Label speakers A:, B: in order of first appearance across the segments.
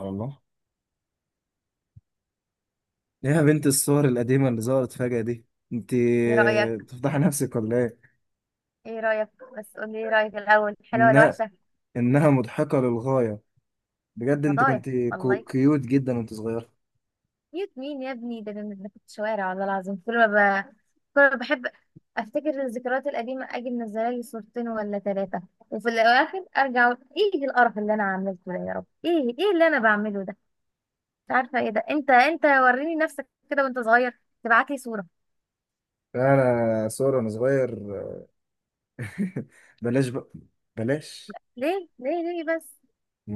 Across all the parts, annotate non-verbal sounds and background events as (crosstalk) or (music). A: على الله. ليه يا بنت الصور القديمة اللي ظهرت فجأة دي؟ انت
B: ايه رأيك؟
A: بتفضحي نفسك ولا ايه؟
B: ايه رأيك بس قولي ايه رأيك الأول، حلوة ولا
A: إنها
B: وحشة؟
A: إنها مضحكة للغاية. بجد انت
B: هضايا
A: كنت
B: والله.
A: كيوت جدا وانت صغير.
B: كيوت مين يا ابني؟ ده انا كنت شوارع والله العظيم. كل ما بحب افتكر الذكريات القديمة، اجي منزله لي صورتين ولا ثلاثة، وفي الأواخر ارجع أقول ايه القرف اللي انا عملته ده؟ يا رب، ايه؟ ايه اللي انا بعمله ده؟ مش عارفة ايه ده. انت وريني نفسك كده وانت صغير، تبعت لي صورة.
A: انا صور وانا صغير؟ (laughs) بلاش بقى، بلاش.
B: ليه بس؟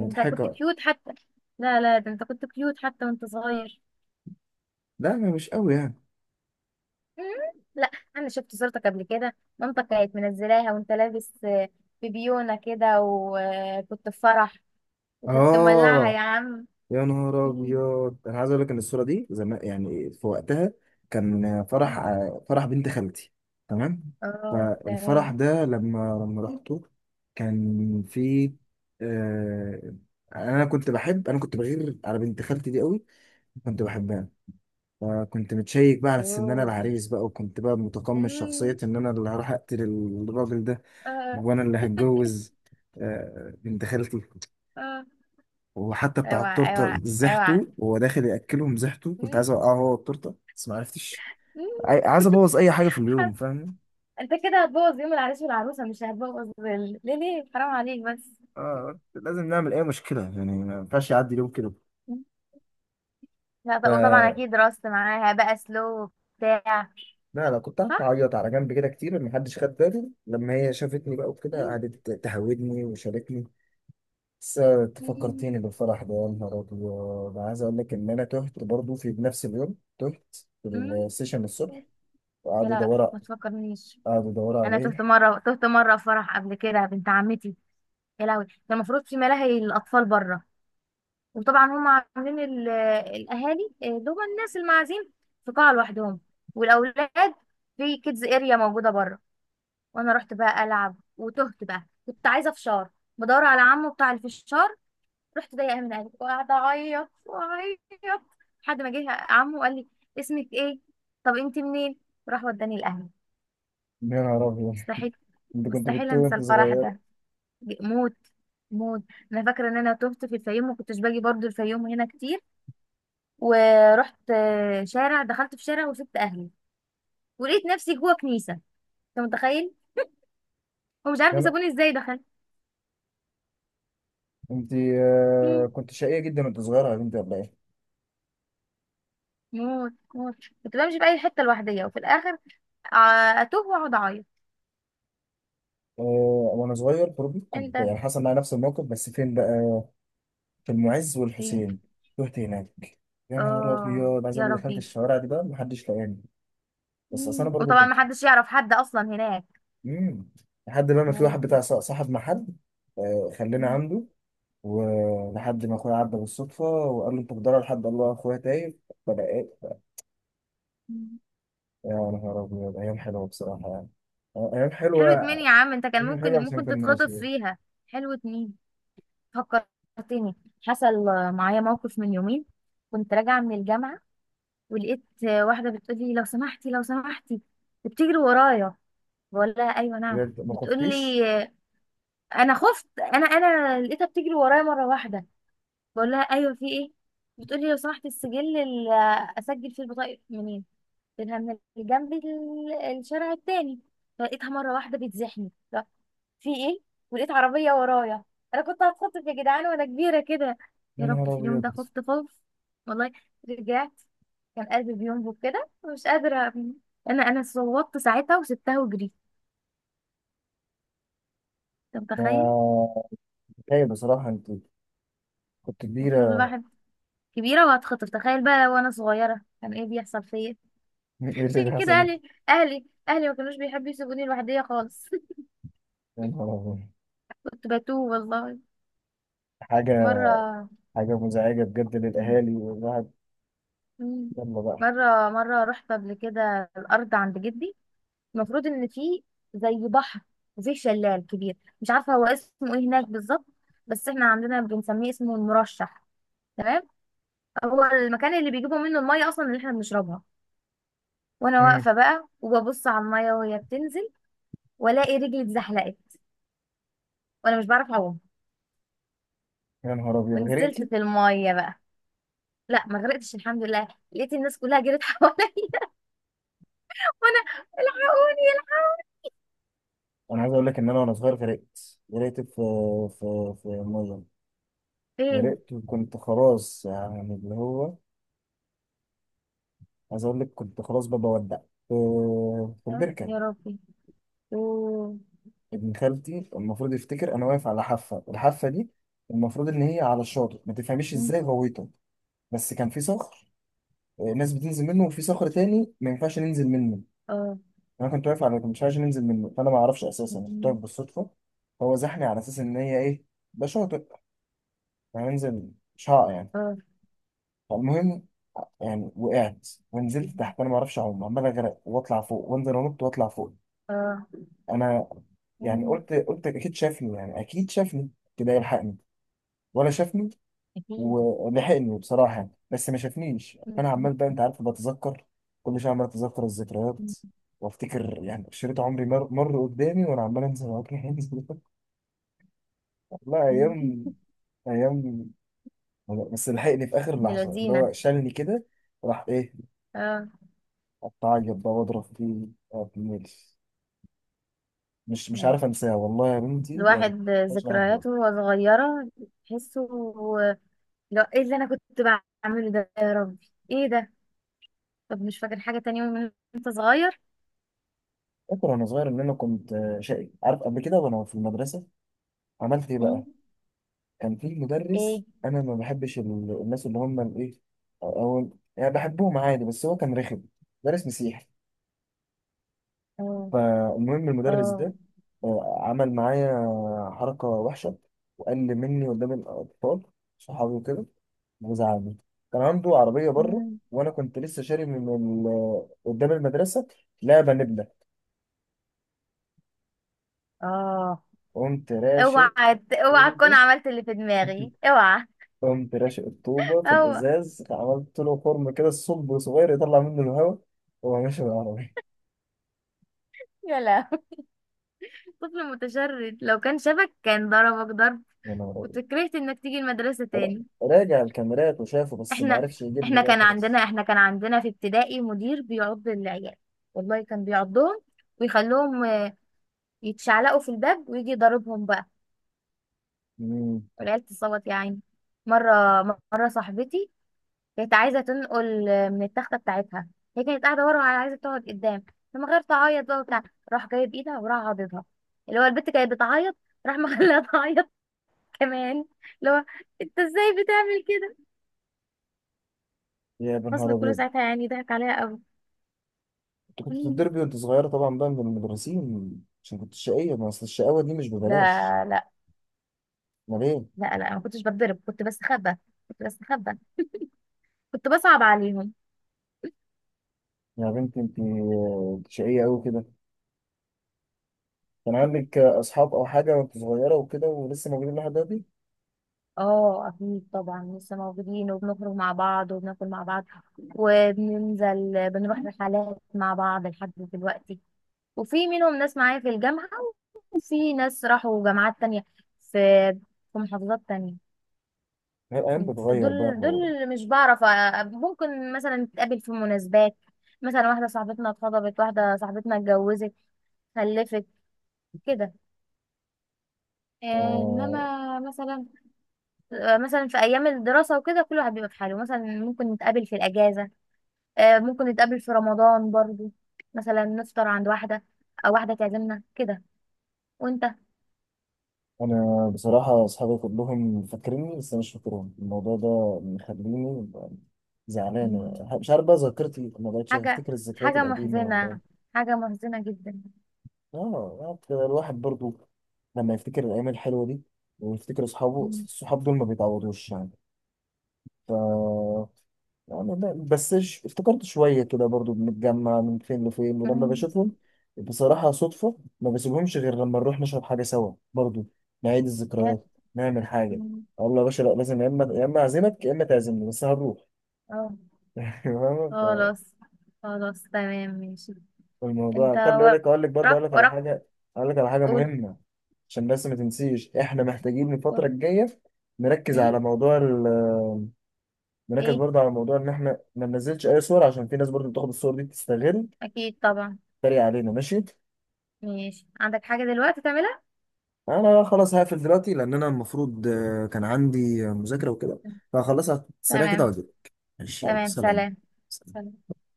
B: انت كنت كيوت حتى. لا لا، ده انت كنت كيوت حتى وانت صغير.
A: لا، ما مش قوي يعني.
B: مم، لا، انا شفت صورتك قبل كده، مامتك كانت منزلاها وانت لابس في بيونة كده، وكنت في فرح، وكنت مولعها يا
A: اه،
B: عم.
A: يا
B: (laughs)
A: نهار
B: مم.
A: ابيض، انا عايز اقول لك ان الصوره دي زمان، يعني في وقتها كان فرح، فرح بنت خالتي، تمام.
B: اه تمام.
A: فالفرح ده لما رحته كان في آه انا كنت بغير على بنت خالتي دي قوي، كنت بحبها. فكنت متشيك بقى على اساس ان انا
B: اوه.
A: العريس بقى، وكنت بقى متقمص
B: مم،
A: شخصيه ان انا اللي هروح اقتل الراجل ده،
B: اه.
A: وانا اللي هتجوز آه بنت خالتي.
B: اه.
A: وحتى بتاع
B: اوعى
A: التورته
B: اوعى.
A: زحته وهو داخل ياكلهم، زحته كنت
B: مم،
A: عايز اوقعه هو التورته بس ما عرفتش.
B: مم،
A: عايز ابوظ اي حاجه في اليوم،
B: حر-
A: فاهم؟
B: انت كده هتبوظ يوم العريس والعروسه، مش هتبوظ ال-، ليه ليه حرام عليك بس.
A: اه، لازم نعمل اي مشكله، يعني ما ينفعش يعدي اليوم كده.
B: مم. لا
A: ف
B: بقى، وطبعا اكيد رقصت معاها بقى سلو بتاع.
A: لا لا، كنت قعدت
B: صح.
A: اعيط على جنب كده كتير ما حدش خد باله، لما هي شافتني بقى وكده
B: مم،
A: قعدت تهودني وشاركني. بس انت فكرتيني
B: مم،
A: بالفرح ده. يا نهار ابيض، أنا عايز اقول لك ان انا تهت برضو في نفس اليوم، تهت في السيشن
B: مم.
A: الصبح
B: يا
A: وقعدوا
B: لا
A: يدوروا،
B: ما تفكرنيش.
A: قعدوا يدوروا
B: انا تهت
A: عليا.
B: مره، تهت مره في فرح قبل كده بنت عمتي. يا لهوي، كان المفروض في ملاهي الاطفال بره، وطبعا هم عاملين الاهالي دول الناس المعازيم في قاعه لوحدهم، والاولاد في كيدز اريا موجوده بره. وانا رحت بقى العب وتهت بقى، كنت عايزه فشار، بدور على عمه بتاع الفشار. رحت ضايقه من قلبي وقعدت اعيط واعيط، لحد ما جه عمه وقال لي اسمك ايه؟ طب انت منين؟ راح وداني الاهل.
A: يا نهار ابيض،
B: مستحيل،
A: انت كنت
B: مستحيل
A: بتتوه
B: انسى
A: وانت
B: الفرح
A: صغير؟
B: ده. موت موت. انا فاكره ان انا تهت في الفيوم، ما كنتش باجي برضو الفيوم هنا كتير، ورحت شارع، دخلت في شارع وسبت اهلي، ولقيت نفسي جوه كنيسه. انت متخيل؟ ومش عارفه
A: يعني
B: سابوني ازاي دخلت.
A: انت
B: مم.
A: كنت شقية جدا وانت صغيرة يا بنتي ولا ايه؟
B: موت موت. كنت بمشي في اي حته لوحديه، وفي الاخر آه، اتوه واقعد اعيط.
A: آه، وانا صغير برضه
B: انت
A: كنت يعني حصل معايا نفس الموقف، بس فين بقى؟ في المعز
B: فين؟
A: والحسين، رحت هناك. يا نهار
B: اه
A: ابيض، عايز
B: يا
A: اقول لك دخلت
B: ربي.
A: الشوارع دي بقى محدش لقاني. بس اصل انا
B: مم.
A: برضه
B: وطبعا
A: كنت
B: ما حدش يعرف حد اصلا هناك.
A: مم. لحد بقى ما
B: يا
A: في واحد
B: ربي.
A: صاحب محل، خلاني عنده. ولحد ما اخويا عدى بالصدفة وقال له انت بتدور لحد، الله اخويا تايه. فلقيت،
B: مم.
A: يا نهار ابيض، ايام حلوة بصراحة يعني، ايام
B: حلو
A: حلوة.
B: اتنين يا عم، انت كان
A: حلو
B: ممكن
A: عشان
B: ممكن
A: كان
B: تتخطف
A: ناسي.
B: فيها. حلو اتنين. فكرتني، حصل معايا موقف من يومين، كنت راجعة من الجامعة، ولقيت واحدة بتقول لي لو سمحتي لو سمحتي، بتجري ورايا. بقول لها ايوه نعم،
A: بجد ما
B: بتقول لي.
A: خفتيش؟
B: انا خفت، انا لقيتها بتجري ورايا مرة واحدة. بقول لها ايوه، في ايه؟ بتقول لي لو سمحتي، السجل اللي اسجل فيه البطايق منين؟ قلت لها من جنب الشارع التاني. فلقيتها مرة واحدة بتزحني، في ايه؟ ولقيت عربيه ورايا. انا كنت هتخطف يا جدعان، وانا كبيره كده.
A: يا
B: يا رب،
A: نهار
B: في اليوم
A: ابيض،
B: ده خفت خوف والله. رجعت كان قلبي بينبض كده، ومش قادره انا صوتت ساعتها وسبتها وجريت. انت متخيل؟
A: ما هي بصراحه انت كنت
B: المفروض
A: كبيره. (laughs)
B: الواحد كبيره وهتخطف، تخيل بقى وانا صغيره كان ايه بيحصل فيا.
A: ايه
B: (laughs)
A: اللي
B: عشان كده
A: بيحصل ده؟
B: اهلي اهلي ما كانوش بيحبوا يسيبوني لوحدي خالص. (laughs)
A: يا نهار ابيض.
B: كنت بتوه والله.
A: حاجه،
B: مره.
A: حاجه مزعجه بجد للاهالي والواحد.
B: مم.
A: يلا بقى.
B: مره، مره رحت قبل كده الارض عند جدي، المفروض ان في زي بحر، وفيه شلال كبير مش عارفه هو اسمه ايه هناك بالظبط، بس احنا عندنا بنسميه اسمه المرشح. تمام. هو المكان اللي بيجيبوا منه الميه اصلا اللي احنا بنشربها. وانا
A: مم،
B: واقفه بقى وببص على الميه وهي بتنزل، والاقي رجلي اتزحلقت، وانا مش بعرف اعوم،
A: يا نهار ابيض
B: ونزلت
A: غرقتي؟
B: في الميه بقى. لا ما غرقتش الحمد لله، لقيت الناس كلها جرت حواليا. (laughs) وانا الحقوني الحقوني.
A: انا عايز اقول لك ان انا وانا صغير غرقت، غرقت في في ميه،
B: فين؟
A: غرقت وكنت خلاص يعني، اللي هو عايز اقول لك كنت خلاص ببقى بودع في
B: يا
A: البركه.
B: يا ربي. أوه.
A: ابن خالتي المفروض يفتكر انا واقف على حافه، الحافه دي المفروض ان هي على الشاطئ، ما تفهميش
B: أم.
A: ازاي غويته. بس كان في صخر، ناس بتنزل منه، وفي صخر تاني ما ينفعش ننزل منه.
B: اه.
A: انا كنت واقف على مش عايز ننزل منه، فانا ما اعرفش اساسا أنا كنت واقف
B: أم.
A: بالصدفه. هو زحني على اساس ان هي ايه، ده شاطئ، هننزل، مش هقع يعني.
B: اه.
A: فالمهم، يعني وقعت ونزلت تحت، انا ما اعرفش اعوم، عمال اغرق واطلع فوق وانزل انط واطلع فوق.
B: أه.
A: انا يعني
B: مم.
A: قلت اكيد شافني، يعني اكيد شافني كده يلحقني، ولا شافني
B: أكيد.
A: ولحقني بصراحة؟ بس ما شافنيش. فأنا
B: مم.
A: عمال بقى، أنت عارف، بتذكر كل شوية، عمال أتذكر الذكريات وأفتكر يعني شريط عمري مر قدامي، وأنا عمال أنزل وأجري أنزل. (laughs) والله
B: مم.
A: أيام، أيام. بس لحقني في آخر
B: يا
A: لحظة اللي
B: لذينة.
A: هو شالني كده. راح إيه،
B: اه.
A: أتعيط بقى وأضرب فيه بالليل. مش، مش
B: يعني
A: عارف أنساها والله يا بنتي يعني،
B: الواحد
A: مش لحد دلوقتي.
B: ذكرياته وهو صغيرة تحسه. لا، ايه اللي انا كنت بعمله ده؟ يا ربي، ايه ده؟ طب مش فاكر حاجة تانية من انت صغير؟
A: فاكر وأنا صغير إن أنا كنت شقي، عارف؟ قبل كده وأنا في المدرسة عملت إيه
B: مم.
A: بقى؟ كان في مدرس
B: ايه.
A: انا ما بحبش الناس اللي هم الايه، او يعني بحبهم عادي بس هو كان رخم، مدرس مسيحي.
B: اه.
A: فالمهم المدرس
B: اه.
A: ده عمل معايا حركة وحشة وقل مني قدام الأطفال، صحابي وكده، وزعلني. كان عنده عربية بره،
B: مم.
A: وأنا كنت لسه شاري من قدام المدرسة لعبة نبلة.
B: اه.
A: قمت راشق،
B: اوعى تكون
A: وبس.
B: عملت اللي في دماغي،
A: (laughs)
B: اوعى.
A: قمت راشق الطوبة
B: (laughs)
A: في
B: اوعى.
A: الإزاز، عملت له خرم كده، الصب صغير يطلع منه الهواء وهو ماشي بالعربية.
B: يا لا. (laughs) طفل متشرد، لو كان شبك كان ضربك ضرب.
A: يا نهار أبيض.
B: كنت كرهت انك تيجي المدرسة
A: را-
B: تاني.
A: راجع الكاميرات وشافه، بس ما
B: احنا
A: عرفش يجيبني
B: احنا
A: بقى،
B: كان
A: خلاص.
B: عندنا، كان عندنا في ابتدائي مدير بيعض العيال، والله كان بيعضهم ويخليهم يتشعلقوا في الباب ويجي يضربهم بقى،
A: مم.
B: والعيال تصوت يا عيني. مرة، مرة صاحبتي كانت عايزة تنقل من التختة بتاعتها، هي كانت قاعدة ورا وعايزة تقعد قدام، فمن غير تعيط بقى وبتاع راح جايب ايدها وراح عاضدها، اللي هو البت كانت بتعيط، راح مخليها (laughs) تعيط كمان. اللي هو انت ازاي بتعمل كده؟
A: يا نهار
B: فصل كله
A: أبيض،
B: ساعتها يعني ضحك عليها قوي.
A: أنت كنت بتتضربي
B: (laughs)
A: وأنت صغيرة طبعا بقى من المدرسين عشان كنت شقية، ما أصل الشقاوة دي مش ببلاش.
B: لا لا
A: أمال إيه؟
B: لا، انا ما كنتش بتضرب، كنت بستخبى، كنت بستخبى، كنت بصعب عليهم.
A: يا بنتي أنت شقية أوي كده. كان عندك أصحاب أو حاجة وأنت صغيرة وكده، ولسه موجودين لحد دلوقتي؟
B: اه اكيد طبعا لسه موجودين، وبنخرج مع بعض وبناكل مع بعض، وبننزل بنروح رحلات مع بعض لحد دلوقتي. وفي منهم ناس معايا في الجامعة، وفي ناس راحوا جامعات تانية، في في محافظات تانية.
A: لا، الأيام بتتغير بقى.
B: دول اللي مش بعرف ممكن مثلا نتقابل في مناسبات. مثلا واحدة صاحبتنا اتخطبت، واحدة صاحبتنا اتجوزت، خلفت كده.
A: آه،
B: انما مثلا مثلا في ايام الدراسه وكده كل واحد بيبقى في حاله، مثلا ممكن نتقابل في الاجازه، ممكن نتقابل في رمضان برضو، مثلا نفطر عند واحده، او واحده تعزمنا كده. وانت؟
A: انا بصراحه اصحابي كلهم فاكريني بس انا مش فاكرهم، الموضوع ده مخليني زعلان.
B: مم.
A: مش عارف بقى، ذاكرتي ما بقتش
B: حاجه،
A: افتكر الذكريات
B: حاجه
A: القديمه والله.
B: محزنه، حاجه محزنه جدا.
A: اه يعني كده الواحد برضو لما يفتكر الايام الحلوه دي، ويفتكر اصحابه،
B: مم.
A: الصحاب دول ما بيتعوضوش يعني. يعني لا بس افتكرت شوية كده، برضو بنتجمع من فين لفين، ولما
B: مم.
A: بشوفهم بصراحة صدفة ما بسيبهمش غير لما نروح نشرب حاجة سوا برضو، نعيد
B: بجد.
A: الذكريات، نعمل حاجة.
B: مم.
A: أقول له يا باشا لا لازم، يا إما، يا إما أعزمك يا إما تعزمني، بس هنروح.
B: اه.
A: (laughs) فاهم؟
B: خلاص، خلاص تمام ماشي. انت
A: فالموضوع، خلي بالك أقول لك برضو، أقول
B: وراك
A: لك على
B: وراك.
A: حاجة، أقول لك على حاجة
B: قول.
A: مهمة عشان بس ما تنسيش. إحنا محتاجين الفترة
B: قول.
A: الجاية نركز
B: مم؟
A: على موضوع نركز
B: ايه،
A: برضه على موضوع إن إحنا ما ننزلش أي صور، عشان في ناس برضو بتاخد الصور دي تستغل،
B: اكيد طبعا.
A: تريق علينا. ماشي؟
B: ماشي، عندك حاجه دلوقتي تعملها؟
A: انا خلاص هقفل دلوقتي، لان انا المفروض كان عندي مذاكرة وكده، فهخلصها سريع كده
B: تمام.
A: واجيلك. ماشي، يلا
B: تمام سلام.
A: سلام.
B: سلام.